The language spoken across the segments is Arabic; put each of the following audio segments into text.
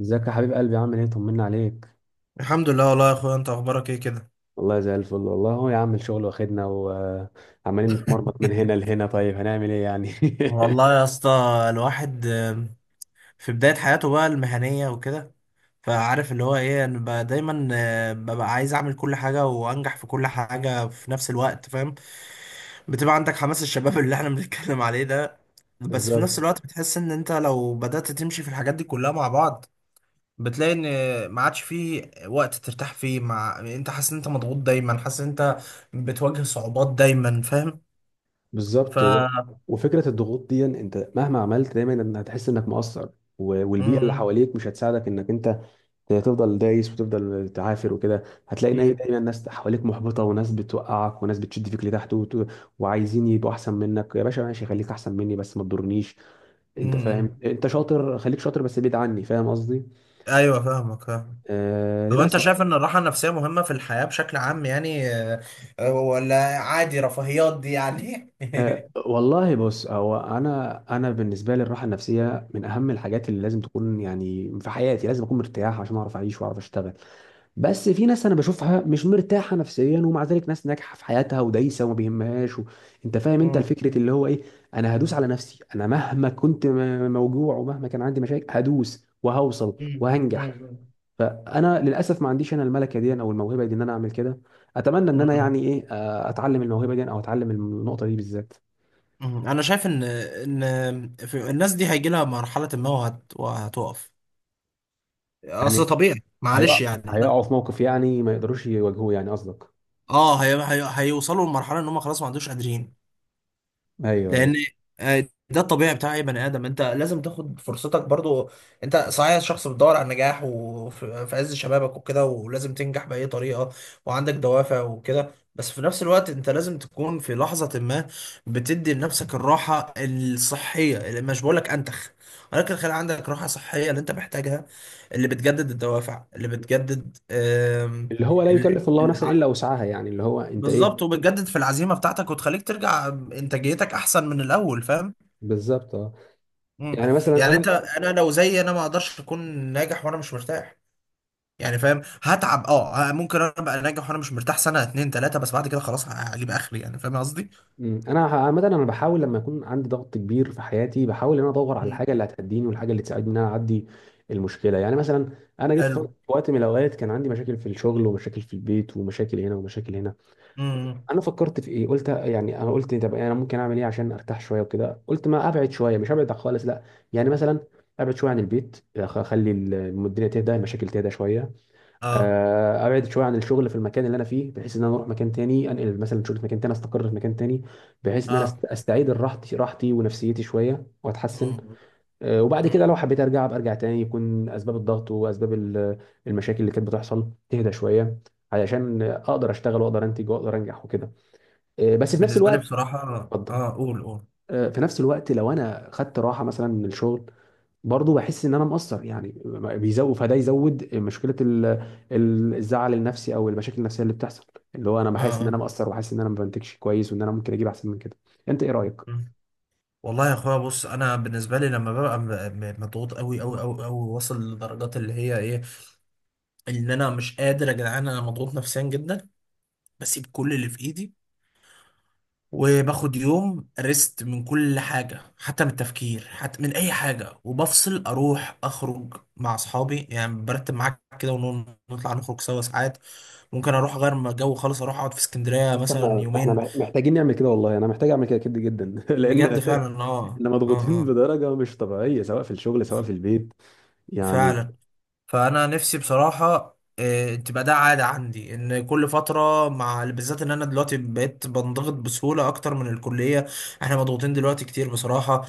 ازيك يا حبيب قلبي؟ عامل ايه؟ طمنا عليك. الحمد لله والله يا اخويا، انت اخبارك ايه كده؟ والله زي الفل. والله هو يا عم الشغل واخدنا وعمالين نتمرمط من هنا لهنا، طيب هنعمل ايه يعني؟ والله يا اسطى، الواحد في بداية حياته بقى المهنية وكده. فعارف اللي هو ايه، انا بقى دايما ببقى عايز اعمل كل حاجة وانجح في كل حاجة في نفس الوقت، فاهم؟ بتبقى عندك حماس الشباب اللي احنا بنتكلم عليه ده. بس في نفس بالظبط. الوقت بتحس ان انت لو بدأت تمشي في الحاجات دي كلها مع بعض، بتلاقي ان ما عادش فيه وقت ترتاح فيه، مع انت حاسس ان انت مضغوط دايما، حاسس ان انت بتواجه صعوبات دايما، فاهم؟ ف بالظبط وفكره الضغوط دي انت مهما عملت دايما ان هتحس انك مقصر. والبيئه اللي امم. حواليك مش هتساعدك انك انت تفضل دايس وتفضل تعافر، وكده هتلاقي إن هي اكيد. دايما ناس حواليك محبطه، وناس بتوقعك، وناس بتشد فيك لتحت وعايزين يبقوا احسن منك. يا باشا ماشي، خليك احسن مني بس ما تضرنيش. انت امم فاهم، أمم. انت شاطر، خليك شاطر بس بعيد عني، فاهم قصدي؟ ايوه، فاهمك، فاهم. آه طب انت للاسف. شايف ان الراحه النفسيه مهمه في الحياه بشكل عام يعني ولا عادي رفاهيات دي يعني؟ آه والله بص، هو انا بالنسبه لي الراحه النفسيه من اهم الحاجات اللي لازم تكون يعني في حياتي. لازم اكون مرتاح عشان اعرف اعيش واعرف اشتغل. بس في ناس انا بشوفها مش مرتاحه نفسيا، ومع ذلك ناس ناجحه في حياتها ودايسه وما بيهمهاش انت فاهم؟ انت مم. الفكره اللي هو ايه، انا هدوس على نفسي. انا مهما كنت موجوع، ومهما كان عندي مشاكل، هدوس وهوصل مم، وهنجح. مم، فانا للاسف ما عنديش انا الملكه دي او الموهبه دي ان انا اعمل كده. اتمنى ان انا مم. يعني ايه، اتعلم الموهبه دي او اتعلم النقطه دي بالذات. مم. انا شايف ان في الناس دي هيجي لها مرحله ما وهتقف. اصل يعني طبيعي معلش هيقع، يعني. هيقعوا في موقف يعني ما يقدروش يواجهوه، يعني قصدك؟ اه هيوصلوا لمرحله ان هم خلاص ما عندوش قادرين، ايوه، ايوه. لان ده الطبيعي بتاع اي بني ادم. انت لازم تاخد فرصتك برضو. انت صحيح شخص بتدور على النجاح، وفي عز شبابك وكده، ولازم تنجح باي طريقه، وعندك دوافع وكده. بس في نفس الوقت انت لازم تكون في لحظه ما بتدي لنفسك الراحه الصحيه، اللي مش بقول لك انتخ، ولكن خلي عندك راحه صحيه اللي انت محتاجها، اللي بتجدد الدوافع، اللي بتجدد اللي هو لا ال- يكلف الله نفسا الع- الا وسعها، يعني اللي هو انت ايه. بالظبط، وبتجدد في العزيمه بتاعتك، وتخليك ترجع انتاجيتك احسن من الاول، فاهم؟ بالظبط اه. مم. يعني مثلا يعني انت انا. انا لو زي انا ما اقدرش اكون ناجح وانا مش مرتاح، يعني فاهم، هتعب، اه، ممكن انا ابقى ناجح وانا مش مرتاح سنه اتنين تلاته، بس بعد كده خلاص هجيب اخري، يعني فاهم قصدي؟ مم، انا عامه انا بحاول لما يكون عندي ضغط كبير في حياتي، بحاول ان انا ادور على مم. الحاجه اللي هتهديني والحاجه اللي تساعدني ان انا اعدي المشكله. يعني مثلا انا جيت في حلو. وقت من الاوقات كان عندي مشاكل في الشغل ومشاكل في البيت ومشاكل هنا ومشاكل هنا. امم. انا فكرت في ايه، قلت يعني انا قلت طب انا ممكن اعمل ايه عشان ارتاح شويه وكده. قلت ما ابعد شويه، مش ابعد خالص لا. يعني مثلا ابعد شويه عن البيت، اخلي الدنيا تهدى، المشاكل تهدى شويه. اه ابعد شويه عن الشغل في المكان اللي انا فيه، بحيث ان انا اروح مكان تاني، انقل مثلا شغل في مكان تاني، استقر في مكان تاني، بحيث ان انا اه. استعيد راحتي راحتي ونفسيتي شويه واتحسن. مم. وبعد مم. كده لو حبيت ارجع أبقى ارجع تاني، يكون اسباب الضغط واسباب المشاكل اللي كانت بتحصل تهدى شويه، علشان اقدر اشتغل واقدر انتج واقدر انجح وكده. بس في نفس بالنسبه لي الوقت. بصراحه، اتفضل. اه، قول قول. في نفس الوقت لو انا خدت راحه مثلا من الشغل، برضه بحس ان انا مقصر يعني. بيزود، فده يزود مشكله الزعل النفسي او المشاكل النفسيه اللي بتحصل، اللي هو انا اه بحس ان انا آه. مقصر، وحاسس ان انا ما بنتجش كويس، وان انا ممكن اجيب احسن من كده. انت ايه رايك؟ مم. والله يا اخويا بص، انا بالنسبه لي لما ببقى مضغوط قوي قوي قوي قوي، واصل لدرجات اللي هي ايه، ان انا مش قادر يا جدعان، انا مضغوط نفسيا جدا، بسيب كل اللي في ايدي، وباخد يوم ريست من كل حاجة، حتى من التفكير، حتى من أي حاجة، وبفصل، أروح أخرج مع أصحابي، يعني برتب معاك كده ونطلع نخرج سوا ساعات، ممكن أروح أغير جو خالص، أروح أقعد في اسكندرية بس مثلا احنا احنا يومين. مح- محتاجين نعمل كده. والله انا محتاج اعمل كده كده جدا لان بجد فعلا، أه احنا أه. مضغوطين أه بدرجه مش طبيعيه، سواء في الشغل سواء ف- في البيت يعني. فعلا. فأنا نفسي بصراحة تبقى ده عادة عندي، إن كل فترة، مع بالذات إن أنا دلوقتي بقيت بنضغط بسهولة أكتر من الكلية. إحنا مضغوطين دلوقتي كتير بصراحة.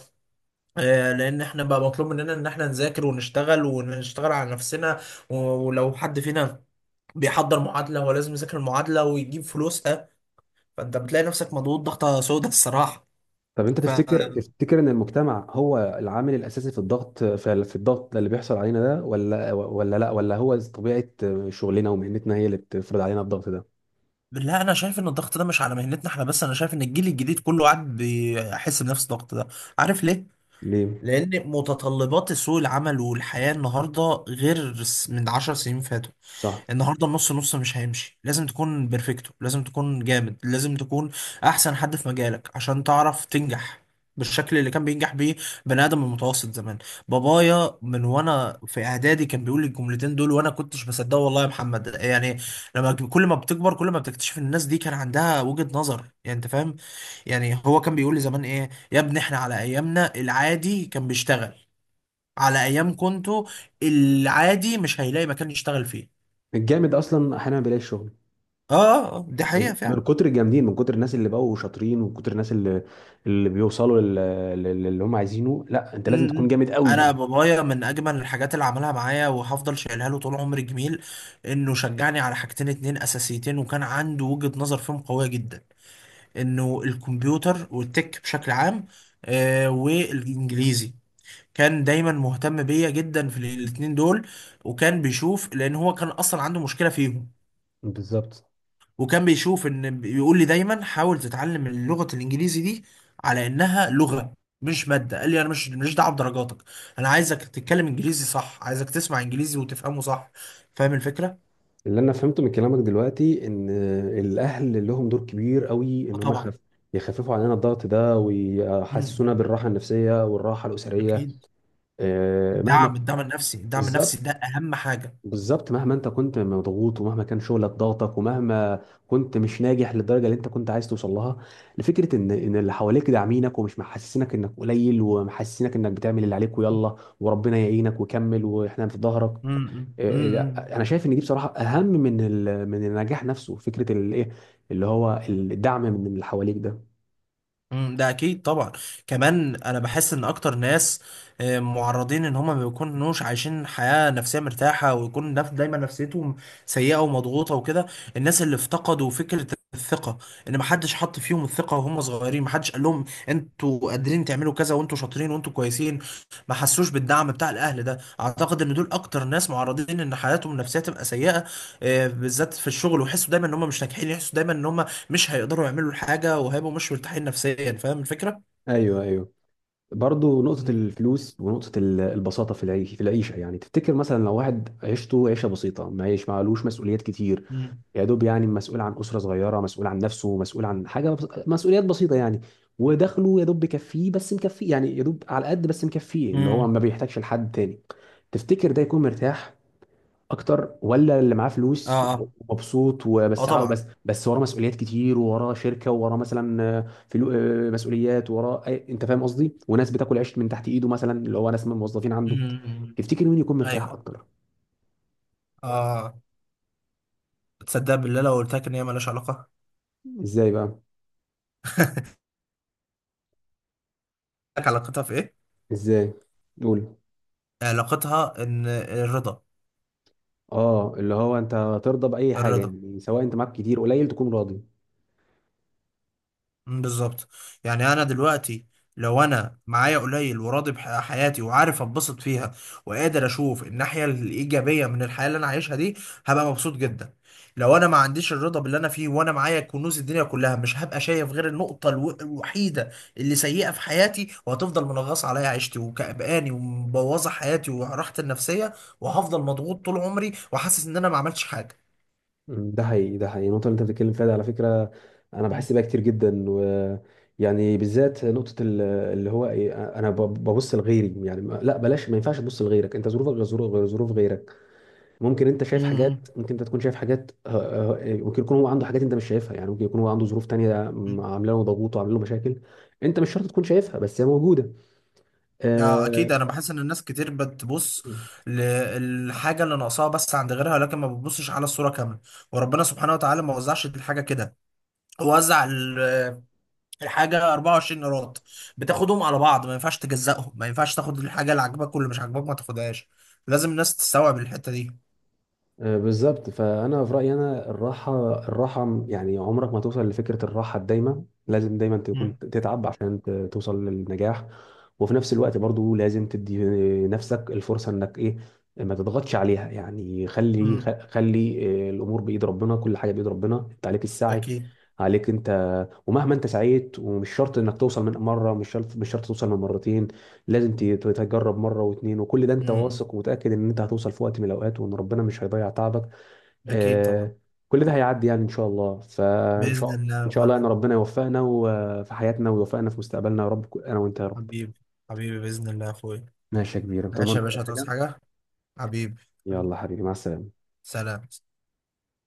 لان احنا بقى مطلوب مننا ان احنا نذاكر ونشتغل ونشتغل على نفسنا. ولو حد فينا بيحضر معادلة، هو لازم يذاكر المعادلة ويجيب فلوسها. فانت بتلاقي نفسك مضغوط ضغطة سودة الصراحة. طب انت ف تفتكر، ان المجتمع هو العامل الاساسي في الضغط، في الضغط اللي بيحصل علينا ده، ولا ولا لا ولا هو طبيعه شغلنا ومهنتنا هي اللي بتفرض علينا الضغط ده؟ لا، انا شايف ان الضغط ده مش على مهنتنا احنا بس، انا شايف ان الجيل الجديد كله قاعد بيحس بنفس الضغط ده. عارف ليه؟ ليه؟ لان متطلبات سوق العمل والحياة النهاردة غير من عشر سنين فاتوا. صح. النهارده النص نص مش هيمشي، لازم تكون بيرفكتو، لازم تكون جامد، لازم تكون احسن حد في مجالك عشان تعرف تنجح بالشكل اللي كان بينجح بيه بني ادم المتوسط زمان. بابايا من وانا في اعدادي كان بيقول لي الجملتين دول، وانا كنتش بصدقه والله يا محمد يعني. لما كل ما بتكبر كل ما بتكتشف ان الناس دي كان عندها وجهة نظر، يعني انت فاهم. يعني هو كان بيقول لي زمان ايه يا ابني، احنا على ايامنا العادي كان بيشتغل، على ايام كنتوا العادي مش هيلاقي مكان يشتغل فيه. الجامد اصلا احيانا ما بيلاقيش شغل. اه. دي من حقيقة من فعلا. كتر الجامدين، من كتر الناس اللي بقوا شاطرين، ومن كتر الناس اللي بيوصلوا للي هم عايزينه. لا، انت لازم تكون امم. جامد قوي. انا بابايا من اجمل الحاجات اللي عملها معايا وهفضل شايلها له طول عمري جميل، انه شجعني على حاجتين اتنين اساسيتين، وكان عنده وجهة نظر فيهم قوية جدا. انه الكمبيوتر والتك بشكل عام، آه، والانجليزي. كان دايما مهتم بيا جدا في الاتنين دول، وكان بيشوف، لان هو كان اصلا عنده مشكلة فيهم، بالظبط. وكان بيشوف ان بيقول لي دايما حاول تتعلم اللغه الانجليزي دي على انها لغه مش ماده. قال لي انا مش دعوه بدرجاتك، انا عايزك تتكلم انجليزي صح، عايزك تسمع انجليزي وتفهمه صح، فاهم الفكره؟ اللي انا فهمته من كلامك دلوقتي ان الاهل لهم دور كبير قوي، آه ان هم طبعا. يخف، يخففوا علينا الضغط ده امم ويحسسونا إمم. بالراحه النفسيه والراحه الاسريه. اكيد. مهما. الدعم الدعم النفسي بالظبط. ده اهم حاجه. بالظبط مهما انت كنت مضغوط، ومهما كان شغلك ضاغطك، ومهما كنت مش ناجح للدرجه اللي انت كنت عايز توصل لها. لفكره ان اللي حواليك داعمينك، ومش محسسينك انك قليل، ومحسسينك انك بتعمل اللي عليك ويلا، وربنا يعينك وكمل واحنا في ظهرك. امم. انا شايف ان دي بصراحه اهم من من النجاح نفسه، فكره الايه، اللي هو الدعم من اللي حواليك ده. مم، ده اكيد طبعا. كمان انا بحس ان اكتر ناس معرضين ان هما ما بيكونوش عايشين حياة نفسية مرتاحة، ويكون دايما نفسيتهم سيئة ومضغوطة وكده، الناس اللي افتقدوا فكرة الثقة، ان محدش حط فيهم الثقة وهم صغيرين، محدش قال لهم انتوا قادرين تعملوا كذا وانتوا شاطرين وانتوا كويسين، ما حسوش بالدعم بتاع الاهل ده، اعتقد ان دول اكتر ناس معرضين ان حياتهم النفسية تبقى سيئة. بالذات في الشغل ويحسوا دايما ان هم مش ناجحين، يحسوا دايما ان هم مش هيقدروا يعملوا الحاجة، وهيبقوا مش مرتاحين نفسيا، فاهم الفكرة؟ ايوه، ايوه. برضه نقطه مم. الفلوس ونقطه البساطه في العيش، في العيشه يعني. تفتكر مثلا لو واحد عيشته عيشه بسيطه، ما يعيش معلوش مسؤوليات كتير، مم. يا دوب يعني مسؤول عن اسره صغيره، مسؤول عن نفسه، مسؤول عن حاجه مسؤوليات بسيطه يعني. ودخله يا دوب بيكفيه، بس مكفيه يعني، يا دوب على قد بس مكفيه، اللي هو مم. ما بيحتاجش لحد تاني. تفتكر ده يكون مرتاح اكتر، ولا اللي معاه فلوس اه اه. ومبسوط اه وبس عاو- طبعا. بس بس وراه مسؤوليات كتير، ووراه شركه، ووراه مثلا فلو مسؤوليات، وراه انت فاهم قصدي، وناس بتاكل عيش من تحت ايده مثلا اللي هو ناس من الموظفين عنده. مم. تفتكر مين يكون مرتاح ايوه. اكتر؟ اه. تصدق بالله لو قلت لك ان هي مالهاش علاقة؟ ازاي بقى؟ لك علاقتها في ايه؟ ازاي، قول. علاقتها ان الرضا. اه، اللي هو انت ترضى باي حاجه الرضا. يعني، سواء انت معاك كتير قليل تكون راضي. مم، بالظبط. يعني انا دلوقتي لو انا معايا قليل وراضي بحياتي وعارف اتبسط فيها، وقادر اشوف الناحيه الايجابيه من الحياه اللي انا عايشها دي، هبقى مبسوط جدا. لو انا ما عنديش الرضا باللي انا فيه وانا معايا كنوز الدنيا كلها، مش هبقى شايف غير النقطه الوحيده اللي سيئه في حياتي، وهتفضل منغص عليا عيشتي وكأباني ومبوظه حياتي وراحتي النفسيه، وهفضل مضغوط طول عمري وحاسس ان انا ما عملتش حاجه. مم، ده حقيقي، ده حقيقي. النقطة اللي أنت بتتكلم فيها دي على فكرة أنا مم. بحس بيها كتير جدا يعني بالذات نقطة اللي هو إيه، أنا ببص لغيري يعني، لا بلاش، ما ينفعش تبص لغيرك، أنت ظروفك غير ظروف غيرك. ممكن أنت شايف حاجات، مم. ممكن أنت تكون شايف حاجات، ممكن يكون هو عنده حاجات أنت مش شايفها يعني. ممكن يكون هو عنده ظروف تانية مم. عاملة له ضغوط وعاملة له مشاكل. أنت مش شرط تكون شايفها، بس هي موجودة. اه اكيد. آه، انا بحس ان الناس كتير بتبص للحاجه اللي ناقصاها بس عند غيرها، لكن ما بتبصش على الصوره كامله. وربنا سبحانه وتعالى ما وزعش الحاجه كده، هو وزع الحاجه 24 قيراط، بتاخدهم على بعض ما ينفعش تجزأهم، ما ينفعش تاخد الحاجه اللي عاجباك واللي مش عاجباك ما تاخدهاش. لازم الناس تستوعب الحته دي. بالظبط. فانا في رايي انا الراحه، يعني عمرك ما توصل لفكره الراحه الدايمه. لازم دايما تكون مم. تتعب عشان توصل للنجاح. وفي نفس الوقت برضو لازم تدي نفسك الفرصه انك ايه، ما تضغطش عليها يعني. خلي، مم. خلي الامور بايد ربنا، كل حاجه بايد ربنا، انت عليك السعي، اكيد. عليك انت. ومهما انت سعيت، ومش شرط انك توصل من مره، مش شرط، مش شرط توصل من مرتين. لازم تجرب مره واتنين، وكل ده انت مم. واثق ومتاكد ان انت هتوصل في وقت من الاوقات، وان ربنا مش هيضيع تعبك. اكيد طبعا. آه. كل ده هيعدي يعني ان شاء الله. فان باذن شاء ان الله شاء الله يعني فعلا. ربنا يوفقنا في حياتنا، ويوفقنا في مستقبلنا يا رب، انا وانت يا رب. حبيبي، حبيبي باذن الله يا اخويا. ماشي يا كبير، انت ماشي تؤمرني يا باي باشا، هتعوز حاجه. حاجه؟ حبيبي، حبيبي، يلا حبيبي مع السلامه. سلام.